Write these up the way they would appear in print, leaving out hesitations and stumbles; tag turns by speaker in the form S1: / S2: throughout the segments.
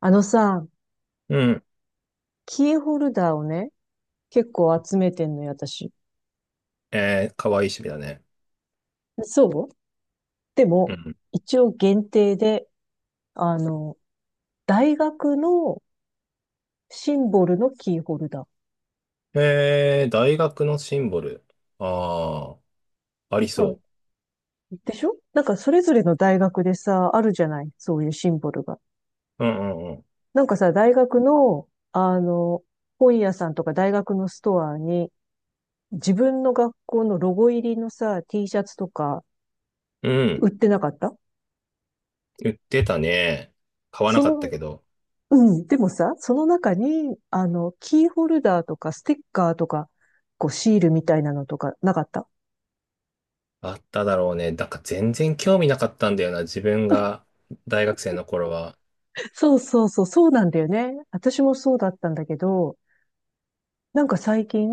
S1: あのさ、
S2: うん。
S1: キーホルダーをね、結構集めてんのよ、私。
S2: えー、かわいい趣味だね。
S1: そう。で
S2: う
S1: も、
S2: ん。
S1: 一応限定で、あの、大学のシンボルのキーホルダー。
S2: えー、大学のシンボル。ああ、あり
S1: う
S2: そ
S1: ん。でしょ？なんかそれぞれの大学でさ、あるじゃない、そういうシンボルが。
S2: う。うんうん
S1: なんかさ、大学の、本屋さんとか大学のストアに、自分の学校のロゴ入りのさ、T シャツとか
S2: うん。う
S1: 売っ
S2: ん。
S1: てなかった？
S2: 言ってたね。買わな
S1: そ
S2: かった
S1: の
S2: けど。
S1: うん。でもさ、その中に、キーホルダーとかステッカーとか、こう、シールみたいなのとかなかった？
S2: あっただろうね。なんか全然興味なかったんだよな。自分が大学生の頃は。
S1: そうそうそう、そうなんだよね。私もそうだったんだけど、なんか最近、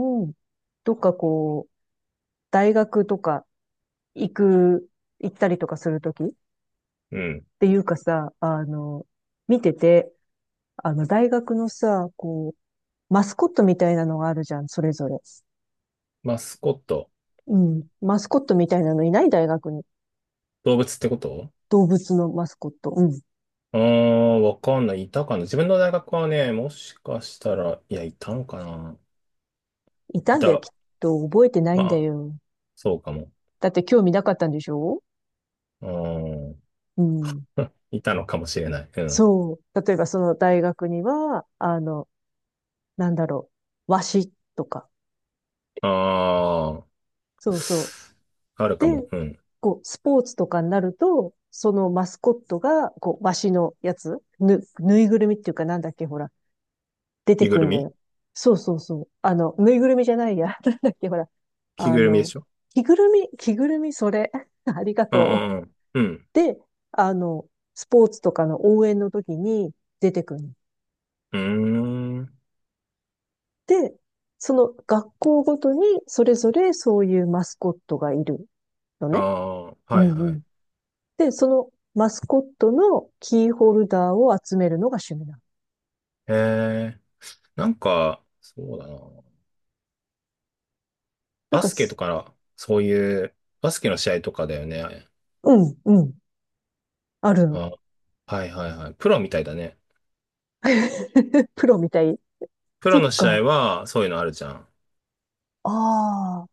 S1: どっかこう、大学とか行く、行ったりとかするときっ
S2: うん。
S1: ていうかさ、見てて、大学のさ、こう、マスコットみたいなのがあるじゃん、それぞれ。
S2: マスコット。
S1: うん。マスコットみたいなのいない大学に。
S2: 動物ってこと？
S1: 動物のマスコット。うん。
S2: ああー、わかんない。いたかな。自分の大学はね、もしかしたら、いや、いたんかな。
S1: いた
S2: い
S1: んだよ、
S2: た。
S1: きっと。覚えてない
S2: ま
S1: んだ
S2: あ、
S1: よ。
S2: そうかも。
S1: だって興味なかったんでしょ？
S2: う
S1: うん。
S2: ん。いたのかもしれない。うん。
S1: そう。例えばその大学には、なんだろう、和紙とか。
S2: あ
S1: そうそう。
S2: あ、ある
S1: で、
S2: かも。うん。
S1: こう、スポーツとかになると、そのマスコットが、こう、和紙のやつ、ぬいぐるみっていうかなんだっけ、ほら、出て
S2: 着ぐ
S1: く
S2: る
S1: んだ
S2: み。
S1: よ。そうそうそう。ぬいぐるみじゃないや。なんだっけ、ほら。
S2: 着
S1: あ
S2: ぐるみで
S1: の、
S2: しょ？
S1: 着ぐるみ、着ぐるみ、それ。ありが
S2: うん
S1: とう。
S2: うんうん。
S1: で、あの、スポーツとかの応援の時に出てくる。
S2: うん。うーん。
S1: で、その学校ごとにそれぞれそういうマスコットがいるの
S2: あ
S1: ね。
S2: あ、は
S1: う
S2: い
S1: んう
S2: は
S1: ん。
S2: い。
S1: で、そのマスコットのキーホルダーを集めるのが趣味なの。
S2: ええ、なんか、そうだな。
S1: なん
S2: バ
S1: か、
S2: スケとか、そういう、バスケの試合とかだよね。
S1: うんうん、あるの。
S2: あ、はいはいはい。プロみたいだね。
S1: プロみたい。
S2: プロ
S1: そ
S2: の
S1: っ
S2: 試合
S1: か。
S2: は、そういうのあるじゃん。
S1: ああ。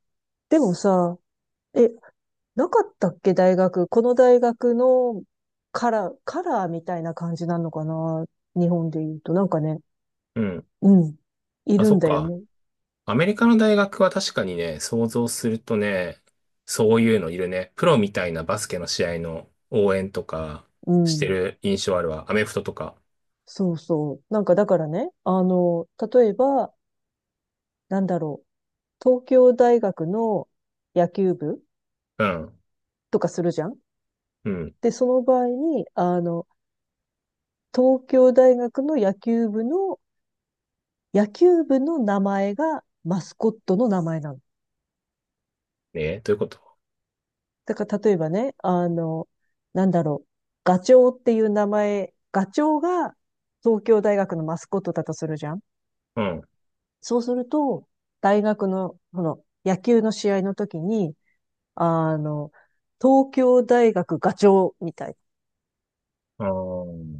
S1: でもさ、え、なかったっけ大学。この大学のカラーみたいな感じなのかな、日本で言うと。なんかね、
S2: うん。
S1: うん。い
S2: あ、
S1: る
S2: そ
S1: ん
S2: っ
S1: だよ
S2: か。
S1: ね。
S2: アメリカの大学は確かにね、想像するとね、そういうのいるね。プロみたいなバスケの試合の応援とか
S1: う
S2: して
S1: ん。
S2: る印象あるわ。アメフトとか。
S1: そうそう。なんかだからね、例えば、なんだろう。東京大学の野球部
S2: うん。
S1: とかするじゃん。
S2: うん。
S1: で、その場合に、東京大学の野球部の、名前がマスコットの名前なの。
S2: ね、どういうこと？
S1: だから例えばね、なんだろう、ガチョウっていう名前、ガチョウが東京大学のマスコットだとするじゃん。
S2: うん。
S1: そうすると、大学の、この野球の試合の時に、あの、東京大学ガチョウみたい。
S2: あー、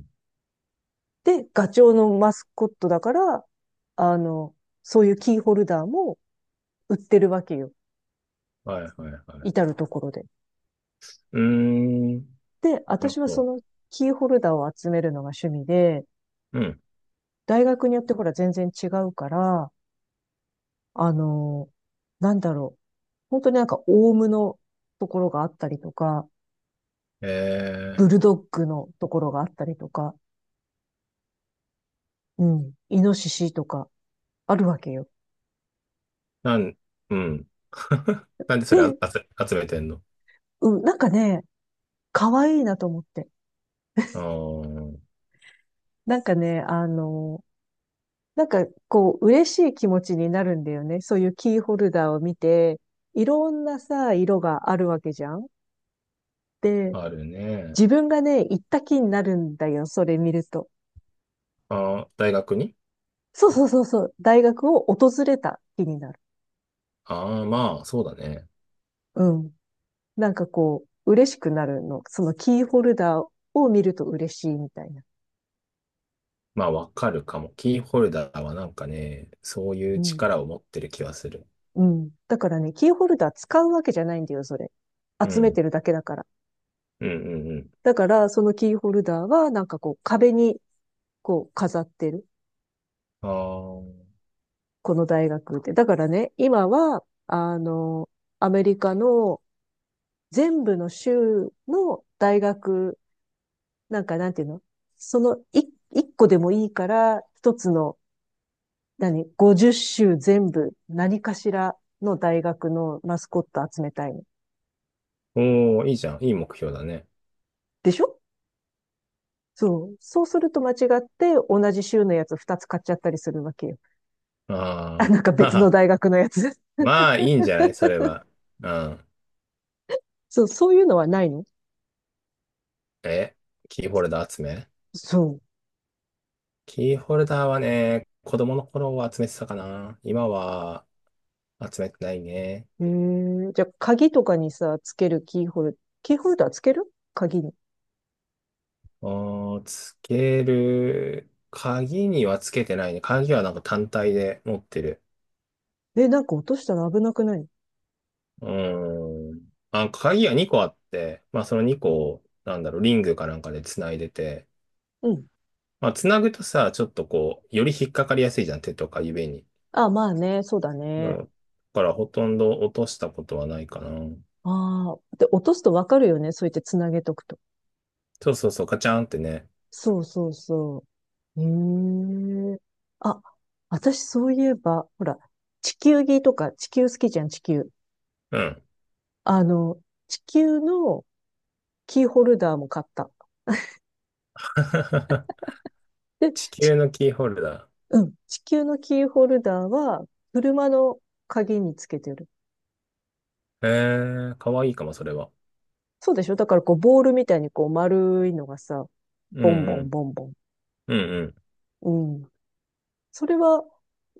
S1: で、ガチョウのマスコットだから、あの、そういうキーホルダーも売ってるわけよ。
S2: はいはいは
S1: 至
S2: い。
S1: るところで。
S2: うーん。
S1: で、
S2: なる
S1: 私はそ
S2: ほ
S1: のキーホルダーを集めるのが趣味で、
S2: ど。うん。
S1: 大学によってほら全然違うから、あの、なんだろう。本当になんかオウムのところがあったりとか、
S2: え
S1: ブ
S2: ー、
S1: ルドッグのところがあったりとか、うん、イノシシとかあるわけよ。
S2: なん、うん。なんでそれあ
S1: で、
S2: 集めてんの？
S1: うん、なんかね、可愛いなと思って。
S2: あー、
S1: なんかね、なんかこう、嬉しい気持ちになるんだよね。そういうキーホルダーを見て、いろんなさ、色があるわけじゃん。で、
S2: あるね。
S1: 自分がね、行った気になるんだよ、それ見ると。
S2: あー、大学に？
S1: そうそうそうそう。大学を訪れた気になる。
S2: ああー、まあ、そうだね。
S1: うん。なんかこう、嬉しくなるの。そのキーホルダーを見ると嬉しいみたいな。
S2: まあ、わかるかも。キーホルダーはなんかね、そうい
S1: う
S2: う
S1: ん。
S2: 力を持ってる気はする。
S1: うん。だからね、キーホルダー使うわけじゃないんだよ、それ。
S2: う
S1: 集め
S2: ん。
S1: てるだけだから。
S2: うんうんうん。
S1: だから、そのキーホルダーは、なんかこう、壁に、こう、飾ってる。
S2: ああ。
S1: この大学って。だからね、今は、アメリカの全部の州の大学、なんかなんていうの、その一個でもいいから、一つの、何？ 50 種全部、何かしらの大学のマスコット集めたいの。
S2: おー、いいじゃん。いい目標だね。
S1: でしょ？そう。そうすると間違って同じ州のやつ2つ買っちゃったりするわけよ。あ、
S2: あ
S1: なんか別の
S2: あ。
S1: 大学のやつ。
S2: まあ、いいんじゃないそれは。うん。
S1: そう、そういうのはないの？
S2: え、キーホルダー集め
S1: そ
S2: キーホルダーはね、子供の頃は集めてたかな。今は集めてないね。
S1: う。へえ。じゃあ、鍵とかにさ、つけるキーホルダーつける、鍵に。
S2: あー、つける。鍵にはつけてないね。鍵はなんか単体で持ってる。
S1: え、なんか落としたら危なくない？
S2: うーん。あ、鍵が2個あって、まあその2個を、なんだろう、リングかなんかで繋いでて、
S1: うん。
S2: まあ繋ぐとさ、ちょっとこう、より引っかかりやすいじゃん、手とか指に。
S1: あ、まあね、そうだ
S2: うん。
S1: ね。
S2: だからほとんど落としたことはないかな。
S1: ああ。で、落とすとわかるよね、そうやってつなげとくと。
S2: そうそうそう、ガチャンってね。
S1: そうそうそう。へえ。あ、私そういえば、ほら、地球儀とか、地球好きじゃん、地球。
S2: うん。
S1: あの、地球のキーホルダーも買った。で、
S2: 地
S1: ち、
S2: 球のキーホルダ
S1: うん、地球のキーホルダーは、車の鍵につけてる。
S2: ー。えー、かわいいかも、それは。
S1: そうでしょ？だからこう、ボールみたいにこう、丸いのがさ、
S2: う
S1: ボンボ
S2: んう
S1: ン
S2: ん。
S1: ボンボン。
S2: うんうん。
S1: うん。それは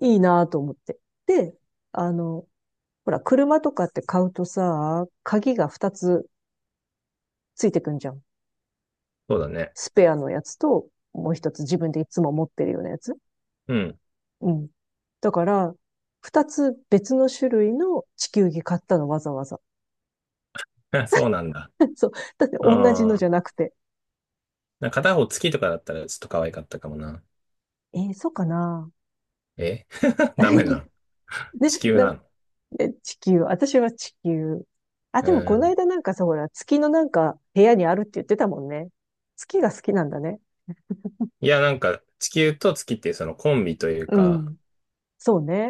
S1: いいなと思って。で、あの、ほら、車とかって買うとさ、鍵が2つついてくんじゃん。
S2: そうだね。
S1: スペアのやつと、もう一つ自分でいつも持ってるようなやつ。
S2: うん。
S1: うん。だから、二つ別の種類の地球儀買ったの、わざわざ。
S2: そうなんだ。
S1: そう。だって同じの
S2: あ
S1: じゃ
S2: あ。
S1: なくて。
S2: なんか片方月とかだったらちょっと可愛かったかもな。
S1: えー、そうかな？
S2: え、 ダメな
S1: ね、
S2: の？地球
S1: な、
S2: なの？
S1: ね、地球、私は地球。あ、
S2: う
S1: でもこの
S2: ん。
S1: 間なんかさ、ほら、月のなんか部屋にあるって言ってたもんね。月が好きなんだね。
S2: いや、なんか、地球と月っていうそのコンビという
S1: う
S2: か、
S1: ん。そうね。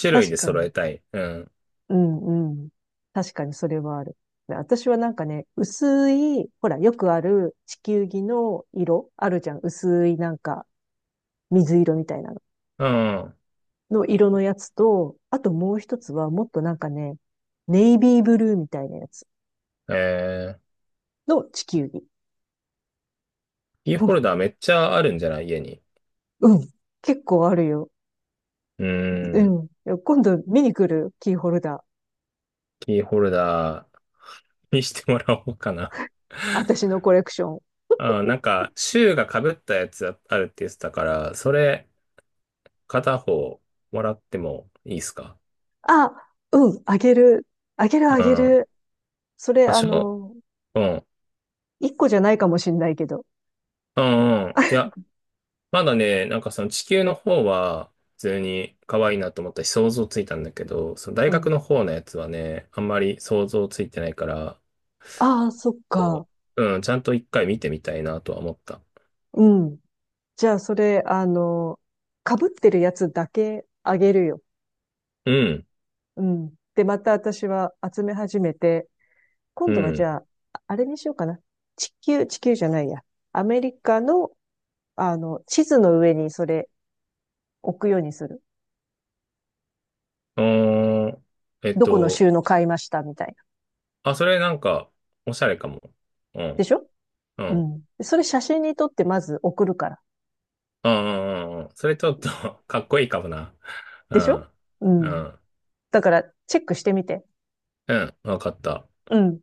S2: 種類
S1: 確
S2: で
S1: か
S2: 揃え
S1: に。
S2: たい。うん。
S1: うんうん。確かにそれはある。私はなんかね、薄い、ほら、よくある地球儀の色、あるじゃん。薄いなんか、水色みたいなの。
S2: うん。
S1: の色のやつと、あともう一つはもっとなんかね、ネイビーブルーみたいなやつ
S2: えー、
S1: の地球儀。
S2: キー
S1: も
S2: ホル
S1: う、
S2: ダーめっちゃあるんじゃない家に。
S1: うん。結構あるよ。
S2: う
S1: う
S2: ん。
S1: ん。今度見に来る、キーホルダー。
S2: キーホルダーにしてもらおうかな。
S1: 私の コレクション。
S2: あー、なんか、シューが被ったやつあるって言ってたから、それ、片方もらってもいいですか？
S1: あ、うん。あげる。あげるあ
S2: う
S1: げ
S2: ん。
S1: る。それ、
S2: あ、うん。
S1: 一個じゃないかもしんないけど。
S2: うんうん。いや、まだね、なんかその地球の方は普通に可愛いなと思ったし想像ついたんだけど、その大
S1: うん。
S2: 学の方のやつはね、あんまり想像ついてないから、
S1: ああ、そっか。
S2: こう、うん、ちゃんと一回見てみたいなとは思った。
S1: うん。じゃあ、それ、被ってるやつだけあげるよ。
S2: うん、
S1: うん。で、また私は集め始めて、今
S2: う
S1: 度はじ
S2: ん。
S1: ゃあ、あれにしようかな。地球、地球じゃないや。アメリカの、地図の上にそれ置くようにする。
S2: うーん、えっ
S1: どこの
S2: と、
S1: 州の買いましたみたいな。
S2: あ、それなんか、おしゃれかも。う
S1: で
S2: ん、
S1: しょ？
S2: うん、う
S1: う
S2: ん、
S1: ん。でそれ写真に撮ってまず送るから。
S2: うん、うんうんそれちょっと かっこいいかもな。う
S1: でし
S2: ん、
S1: ょ？う
S2: う
S1: ん。
S2: ん、
S1: だから、チェックしてみて。
S2: うん、わかった。
S1: うん。